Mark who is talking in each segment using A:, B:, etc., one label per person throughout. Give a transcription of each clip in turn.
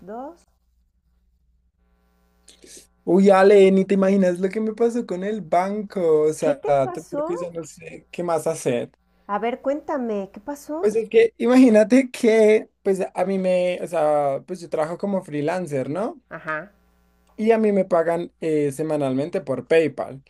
A: Dos.
B: Uy, Ale, ni te imaginas lo que me pasó con el banco. O
A: ¿Qué
B: sea,
A: te
B: te juro que ya
A: pasó?
B: no sé qué más hacer.
A: A ver, cuéntame, ¿qué pasó?
B: Pues es que imagínate que, pues a mí me, o sea, pues yo trabajo como freelancer, ¿no?
A: Ajá,
B: Y a mí me pagan semanalmente por PayPal.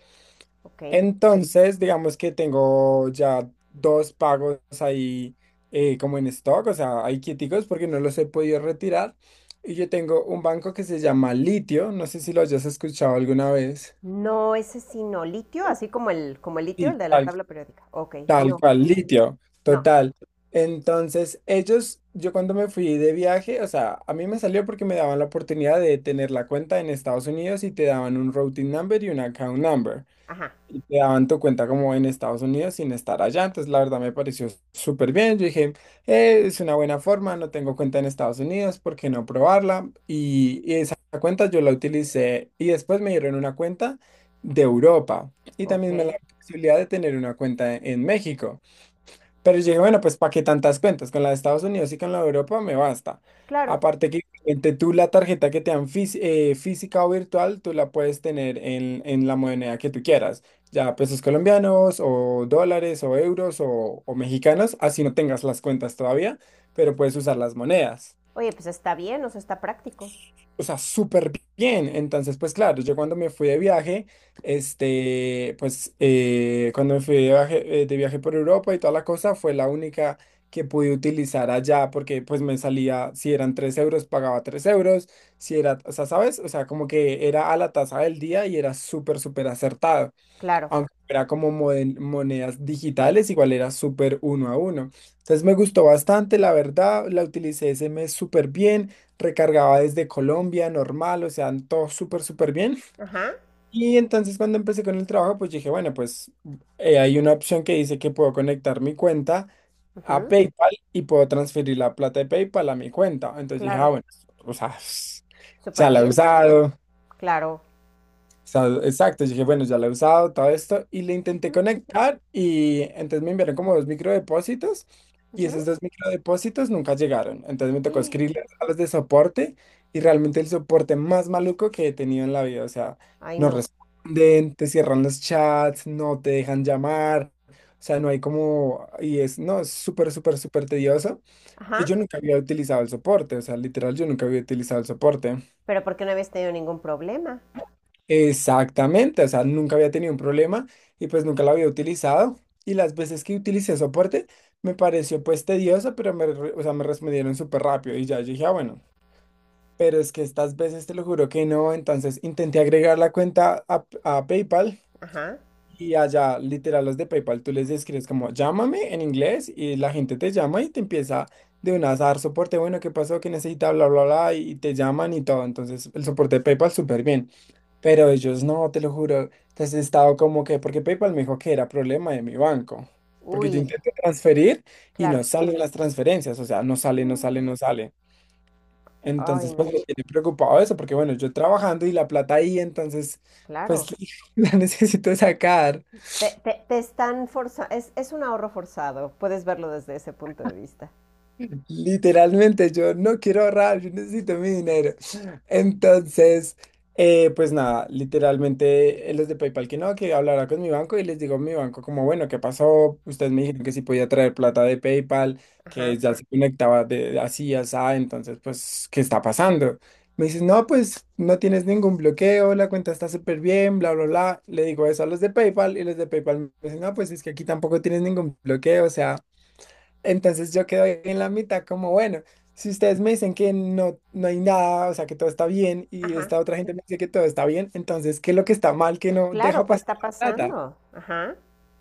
A: ok.
B: Entonces, digamos que tengo ya dos pagos ahí como en stock, o sea, hay quieticos porque no los he podido retirar. Y yo tengo un banco que se llama Litio, no sé si lo hayas escuchado alguna vez.
A: No, ese sí no. ¿Litio? Así como el litio, el
B: Sí,
A: de la
B: tal
A: tabla periódica. Ok,
B: Tal
A: no,
B: cual, litio,
A: no.
B: total. Entonces, ellos, yo cuando me fui de viaje, o sea, a mí me salió porque me daban la oportunidad de tener la cuenta en Estados Unidos y te daban un routing number y un account number
A: Ajá,
B: y te daban tu cuenta como en Estados Unidos sin estar allá. Entonces, la verdad me pareció súper bien. Yo dije, es una buena forma, no tengo cuenta en Estados Unidos, ¿por qué no probarla? Y esa cuenta yo la utilicé y después me dieron una cuenta de Europa y
A: ok.
B: también me la posibilidad de tener una cuenta en México. Pero yo dije, bueno, pues ¿para qué tantas cuentas? Con la de Estados Unidos y con la de Europa me basta.
A: Claro.
B: Aparte que obviamente, tú la tarjeta que te dan física o virtual, tú la puedes tener en la moneda que tú quieras, ya pesos colombianos o dólares o euros o mexicanos, así no tengas las cuentas todavía, pero puedes usar las monedas.
A: Oye, pues está bien, o sea, está práctico.
B: O sea, súper bien. Entonces, pues claro, yo cuando me fui de viaje, cuando me fui de viaje por Europa y toda la cosa, fue la única que pude utilizar allá porque pues me salía, si eran 3 euros, pagaba 3 euros, si era, o sea, ¿sabes? O sea, como que era a la tasa del día y era súper, súper acertado
A: Claro.
B: aunque era como monedas digitales, igual era súper uno a uno. Entonces me gustó bastante, la verdad, la utilicé ese mes súper bien, recargaba desde Colombia, normal, o sea, todo súper, súper bien.
A: Ajá.
B: Y entonces cuando empecé con el trabajo, pues dije, bueno, pues hay una opción que dice que puedo conectar mi cuenta a
A: Ujú,
B: PayPal y puedo transferir la plata de PayPal a mi cuenta. Entonces dije, ah,
A: claro.
B: bueno, o sea,
A: Súper
B: ya la he
A: bien.
B: usado,
A: Claro.
B: sea, exacto, yo dije, bueno, ya la he usado, todo esto, y le intenté
A: Ujú,
B: conectar y entonces me enviaron como dos microdepósitos y esos dos microdepósitos nunca llegaron. Entonces me tocó
A: ujú.
B: escribirles a los de soporte y realmente el soporte más maluco que he tenido en la vida, o sea,
A: Ay,
B: no
A: no.
B: responden, te cierran los chats, no te dejan llamar, o sea, no hay como, y es, no, es súper, súper, súper tedioso, que
A: Ajá.
B: yo nunca había utilizado el soporte, o sea, literal, yo nunca había utilizado el soporte.
A: Pero ¿por qué no habías tenido ningún problema?
B: Exactamente, o sea, nunca había tenido un problema y pues nunca lo había utilizado. Y las veces que utilicé soporte me pareció pues tedioso, pero me, re- o sea, me respondieron súper rápido y ya dije, ah, bueno, pero es que estas veces te lo juro que no, entonces intenté agregar la cuenta a PayPal
A: Ajá.
B: y allá, literal, los de PayPal, tú les escribes como llámame en inglés y la gente te llama y te empieza de una a dar soporte. Bueno, ¿qué pasó? ¿Qué necesita? Bla, bla, bla. Y te llaman y todo. Entonces, el soporte de PayPal súper bien. Pero ellos no, te lo juro. Entonces he estado como que, porque PayPal me dijo que era problema de mi banco. Porque yo
A: Uy,
B: intenté transferir y no
A: claro.
B: salen las transferencias. O sea, no sale, no sale,
A: Mm.
B: no sale.
A: Ay,
B: Entonces, pues
A: no.
B: me tiene preocupado eso, porque bueno, yo trabajando y la plata ahí, entonces, pues
A: Claro.
B: la necesito sacar.
A: Te están forzando, es un ahorro forzado, puedes verlo desde ese punto de vista.
B: Literalmente, yo no quiero ahorrar, yo necesito mi dinero. Entonces, pues nada, literalmente los de PayPal que no, que hablará con mi banco y les digo a mi banco como, bueno, ¿qué pasó? Ustedes me dijeron que sí podía traer plata de PayPal, que
A: Ajá,
B: ya se conectaba de así, así, entonces, pues, ¿qué está pasando? Me dices, no, pues no tienes ningún bloqueo, la cuenta está súper bien, bla, bla, bla. Le digo eso a los de PayPal y los de PayPal me dicen, no, pues es que aquí tampoco tienes ningún bloqueo, o sea. Entonces yo quedo ahí en la mitad como, bueno, si ustedes me dicen que no, no hay nada, o sea, que todo está bien, y
A: ajá.
B: esta otra gente me dice que todo está bien, entonces, ¿qué es lo que está mal que no deja
A: Claro, ¿qué
B: pasar
A: está
B: la plata?
A: pasando? Ajá.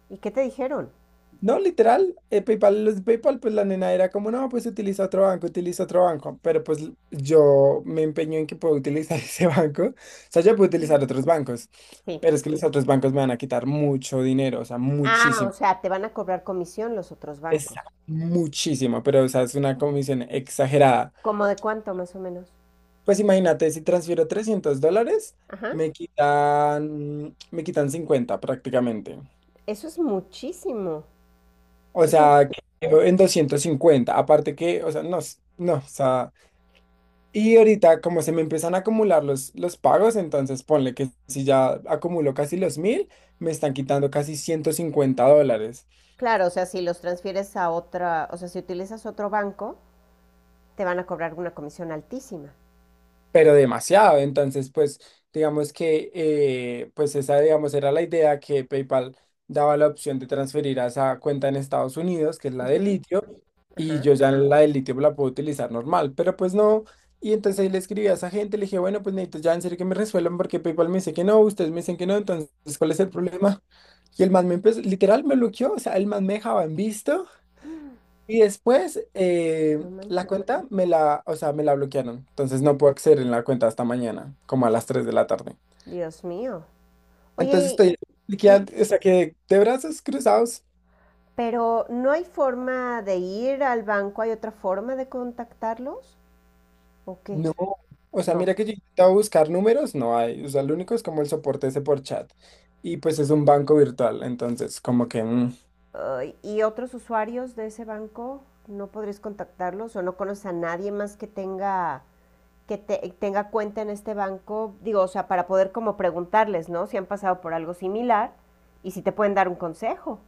A: ¿Y qué te dijeron?
B: No, literal, PayPal, los de PayPal, pues la nena era como, no, pues utiliza otro banco, pero pues yo me empeño en que puedo utilizar ese banco, o sea, yo puedo utilizar
A: Mm.
B: otros bancos,
A: Sí.
B: pero es que los otros bancos me van a quitar mucho dinero, o sea,
A: Ah, o
B: muchísimo.
A: sea, te van a cobrar comisión los otros
B: Es
A: bancos.
B: muchísimo, pero o sea, es una comisión exagerada.
A: ¿Cómo de cuánto más o menos?
B: Pues imagínate, si transfiero $300,
A: Ajá.
B: me quitan 50 prácticamente.
A: Eso es muchísimo.
B: O
A: Eso,
B: sea, quedo en 250. Aparte que, o sea, no, no, o sea, y ahorita como se me empiezan a acumular los pagos, entonces ponle que si ya acumulo casi los mil, me están quitando casi $150.
A: claro, o sea, si los transfieres a otra, o sea, si utilizas otro banco, te van a cobrar una comisión altísima.
B: Pero demasiado. Entonces, pues, digamos que, pues esa, digamos, era la idea que PayPal daba la opción de transferir a esa cuenta en Estados Unidos, que es la de
A: Ujú.
B: litio, y
A: Ajá.
B: yo ya la de litio la puedo utilizar normal, pero pues no. Y entonces ahí le escribí a esa gente, le dije, bueno, pues necesito ya en serio que me resuelvan porque PayPal me dice que no, ustedes me dicen que no, entonces, ¿cuál es el problema? Y el man me empezó, literal, me bloqueó, o sea, el man me dejaba en visto y después
A: No
B: la
A: manches.
B: cuenta me la, o sea, me la bloquearon. Entonces no puedo acceder en la cuenta hasta mañana, como a las 3 de la tarde.
A: Dios mío.
B: Entonces
A: Oye,
B: estoy
A: ¿y,
B: bloqueando, o sea, que de brazos cruzados,
A: pero no hay forma de ir al banco, ¿hay otra forma de contactarlos? ¿O qué?
B: no. O sea,
A: No.
B: mira que yo intentaba buscar números, no hay. O sea, lo único es como el soporte ese por chat. Y pues es un banco virtual, entonces como que...
A: Ay, ¿y otros usuarios de ese banco no podrías contactarlos o no conoces a nadie más que tenga cuenta en este banco? Digo, o sea, para poder como preguntarles, ¿no? Si han pasado por algo similar y si te pueden dar un consejo.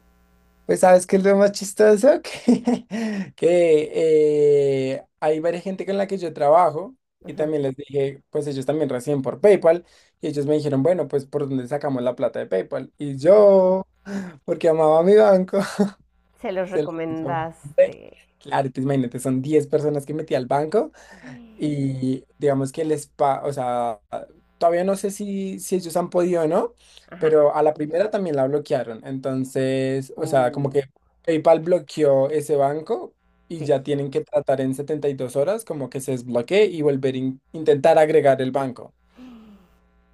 B: pues sabes que es lo más chistoso que, que hay varias gente con la que yo trabajo y
A: Ujú,
B: también les dije, pues ellos también reciben por PayPal y ellos me dijeron, bueno, pues por dónde sacamos la plata de PayPal. Y
A: ujú.
B: yo, porque amaba a mi banco,
A: Se los
B: se lo dije.
A: recomendaste.
B: Claro, entonces imagínate, son 10 personas que metí al banco y digamos que el spa, o sea, todavía no sé si ellos han podido o no,
A: Ajá.
B: pero a la primera también la bloquearon. Entonces, o sea, como
A: Uh,
B: que PayPal bloqueó ese banco y
A: sí.
B: ya tienen que tratar en 72 horas como que se desbloquee y volver a intentar agregar el banco.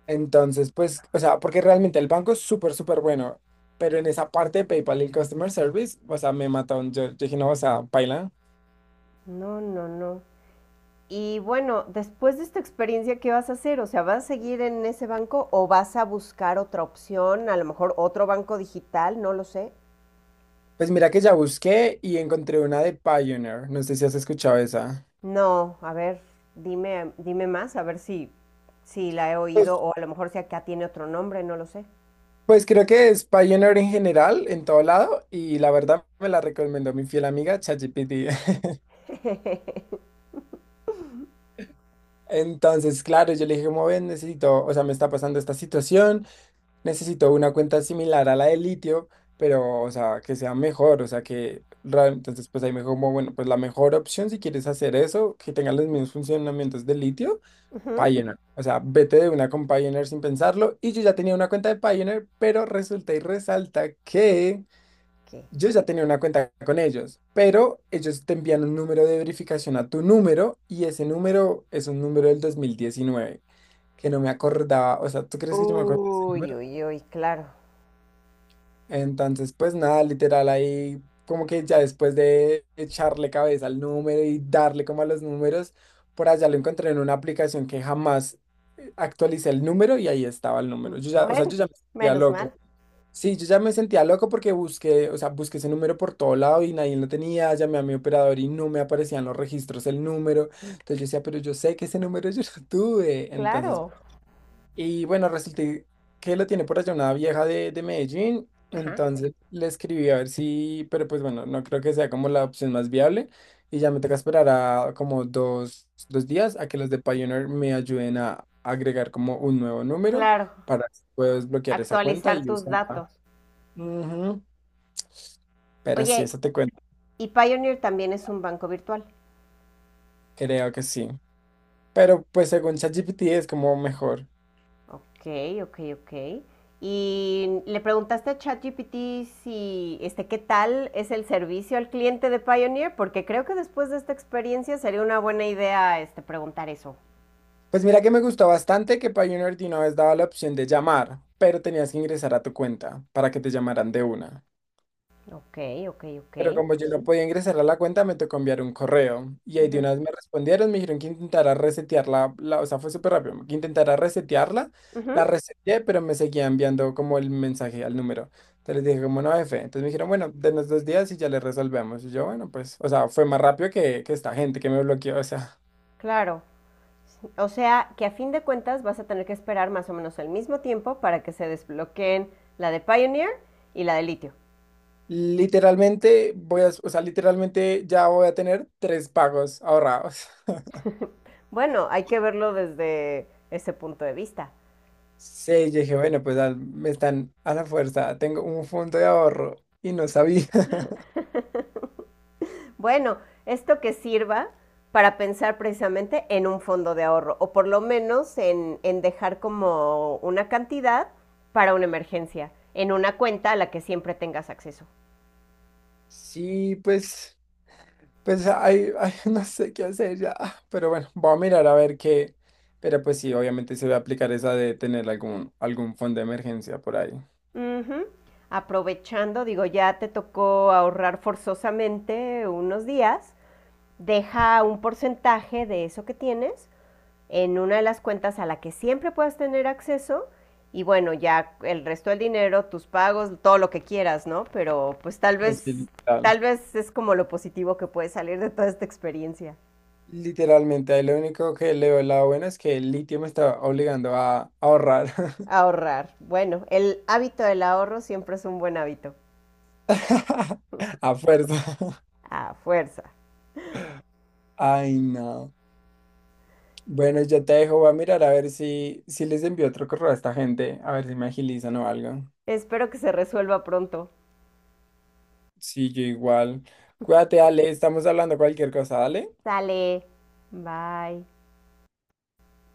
B: Entonces, pues, o sea, porque realmente el banco es súper, súper bueno, pero en esa parte de PayPal y el Customer Service, o sea, me mataron. Yo dije, no, o sea, paila.
A: No, no, no. Y bueno, después de esta experiencia, ¿qué vas a hacer? O sea, ¿vas a seguir en ese banco o vas a buscar otra opción? A lo mejor otro banco digital, no lo sé.
B: Pues mira que ya busqué y encontré una de Pioneer. No sé si has escuchado esa.
A: No, a ver, dime, dime más, a ver si, si la he
B: Pues,
A: oído o a lo mejor si acá tiene otro nombre, no lo sé.
B: pues creo que es Pioneer en general, en todo lado, y la verdad me la recomendó mi fiel amiga ChatGPT. Entonces, claro, yo le dije, como ven, necesito, o sea, me está pasando esta situación, necesito una cuenta similar a la de litio, pero, o sea, que sea mejor, o sea, que, entonces, pues ahí me dijo, como, bueno, pues la mejor opción si quieres hacer eso, que tenga los mismos funcionamientos de litio
A: Ujú.
B: Pioneer. O sea, vete de una con Pioneer sin pensarlo. Y yo ya tenía una cuenta de Pioneer, pero resulta y resalta que
A: Ok.
B: yo ya tenía una cuenta con ellos. Pero ellos te envían un número de verificación a tu número y ese número es un número del 2019, que no me acordaba. O sea, ¿tú crees que yo me acuerdo de ese
A: Uy,
B: número?
A: uy, uy, claro.
B: Entonces, pues nada, literal, ahí como que ya después de echarle cabeza al número y darle como a los números, por allá lo encontré en una aplicación que jamás actualicé el número y ahí estaba el
A: Mm,
B: número. Yo ya, o sea,
A: bueno,
B: yo ya me sentía
A: menos
B: loco.
A: mal.
B: Sí, yo ya me sentía loco porque busqué, o sea, busqué ese número por todo lado y nadie lo tenía, llamé a mi operador y no me aparecían los registros el número. Entonces yo decía, pero yo sé que ese número yo lo tuve. Entonces,
A: Claro.
B: y bueno, resulta que la tiene por allá una vieja de Medellín.
A: Ajá.
B: Entonces le escribí a ver si, pero pues bueno, no creo que sea como la opción más viable. Y ya me toca esperar a como dos, dos días a que los de Pioneer me ayuden a agregar como un nuevo número
A: Claro.
B: para poder desbloquear esa cuenta
A: Actualizar
B: y
A: tus
B: usarla.
A: datos.
B: Ujú, pero sí,
A: Oye,
B: eso te cuento.
A: ¿y Pioneer también es un banco virtual?
B: Creo que sí. Pero pues según ChatGPT es como mejor.
A: Ok, ok, ok. Y le preguntaste a ChatGPT si, ¿qué tal es el servicio al cliente de Pioneer? Porque creo que después de esta experiencia sería una buena idea, preguntar eso.
B: Pues mira que me gustó bastante que Pioneer de una vez daba la opción de llamar, pero tenías que ingresar a tu cuenta para que te llamaran de una.
A: Ok, ok, ok.
B: Pero como yo no podía ingresar a la cuenta, me tocó enviar un correo. Y ahí de
A: Ujú,
B: una vez me respondieron, me dijeron que intentara resetearla, la, o sea, fue súper rápido, que intentara resetearla.
A: ujú,
B: La reseteé, pero me seguía enviando como el mensaje al número. Entonces les dije, como no, F. Entonces me dijeron, bueno, denos dos días y ya le resolvemos. Y yo, bueno, pues, o sea, fue más rápido que esta gente que me bloqueó, o sea.
A: claro. O sea, que a fin de cuentas vas a tener que esperar más o menos el mismo tiempo para que se desbloqueen la de Pioneer y la de litio.
B: Literalmente voy a, o sea, literalmente ya voy a tener tres pagos ahorrados.
A: Bueno, hay que verlo desde ese punto de vista.
B: Sí, yo dije, bueno, pues me están a la fuerza, tengo un fondo de ahorro y no sabía.
A: Bueno, esto que sirva para pensar precisamente en un fondo de ahorro o por lo menos en dejar como una cantidad para una emergencia, en una cuenta a la que siempre tengas acceso.
B: Sí, pues, pues ay, ay, no sé qué hacer ya, pero bueno, voy a mirar a ver qué. Pero pues sí, obviamente se va a aplicar esa de tener algún, algún fondo de emergencia por ahí.
A: Ujú. Aprovechando, digo, ya te tocó ahorrar forzosamente unos días, deja un porcentaje de eso que tienes en una de las cuentas a la que siempre puedas tener acceso y bueno, ya el resto del dinero, tus pagos, todo lo que quieras, ¿no? Pero pues
B: Así, literal.
A: tal vez es como lo positivo que puede salir de toda esta experiencia.
B: Literalmente, ahí lo único que le veo el lado bueno es que el litio me está obligando a ahorrar.
A: Ahorrar. Bueno, el hábito del ahorro siempre es un buen hábito.
B: A fuerza.
A: A fuerza.
B: Ay, no. Bueno, yo te dejo. Voy a mirar a ver si, si les envío otro correo a esta gente, a ver si me agilizan o algo.
A: Espero que se resuelva pronto.
B: Sí, yo igual. Cuídate, Ale. Estamos hablando cualquier cosa, dale.
A: Sale. Bye.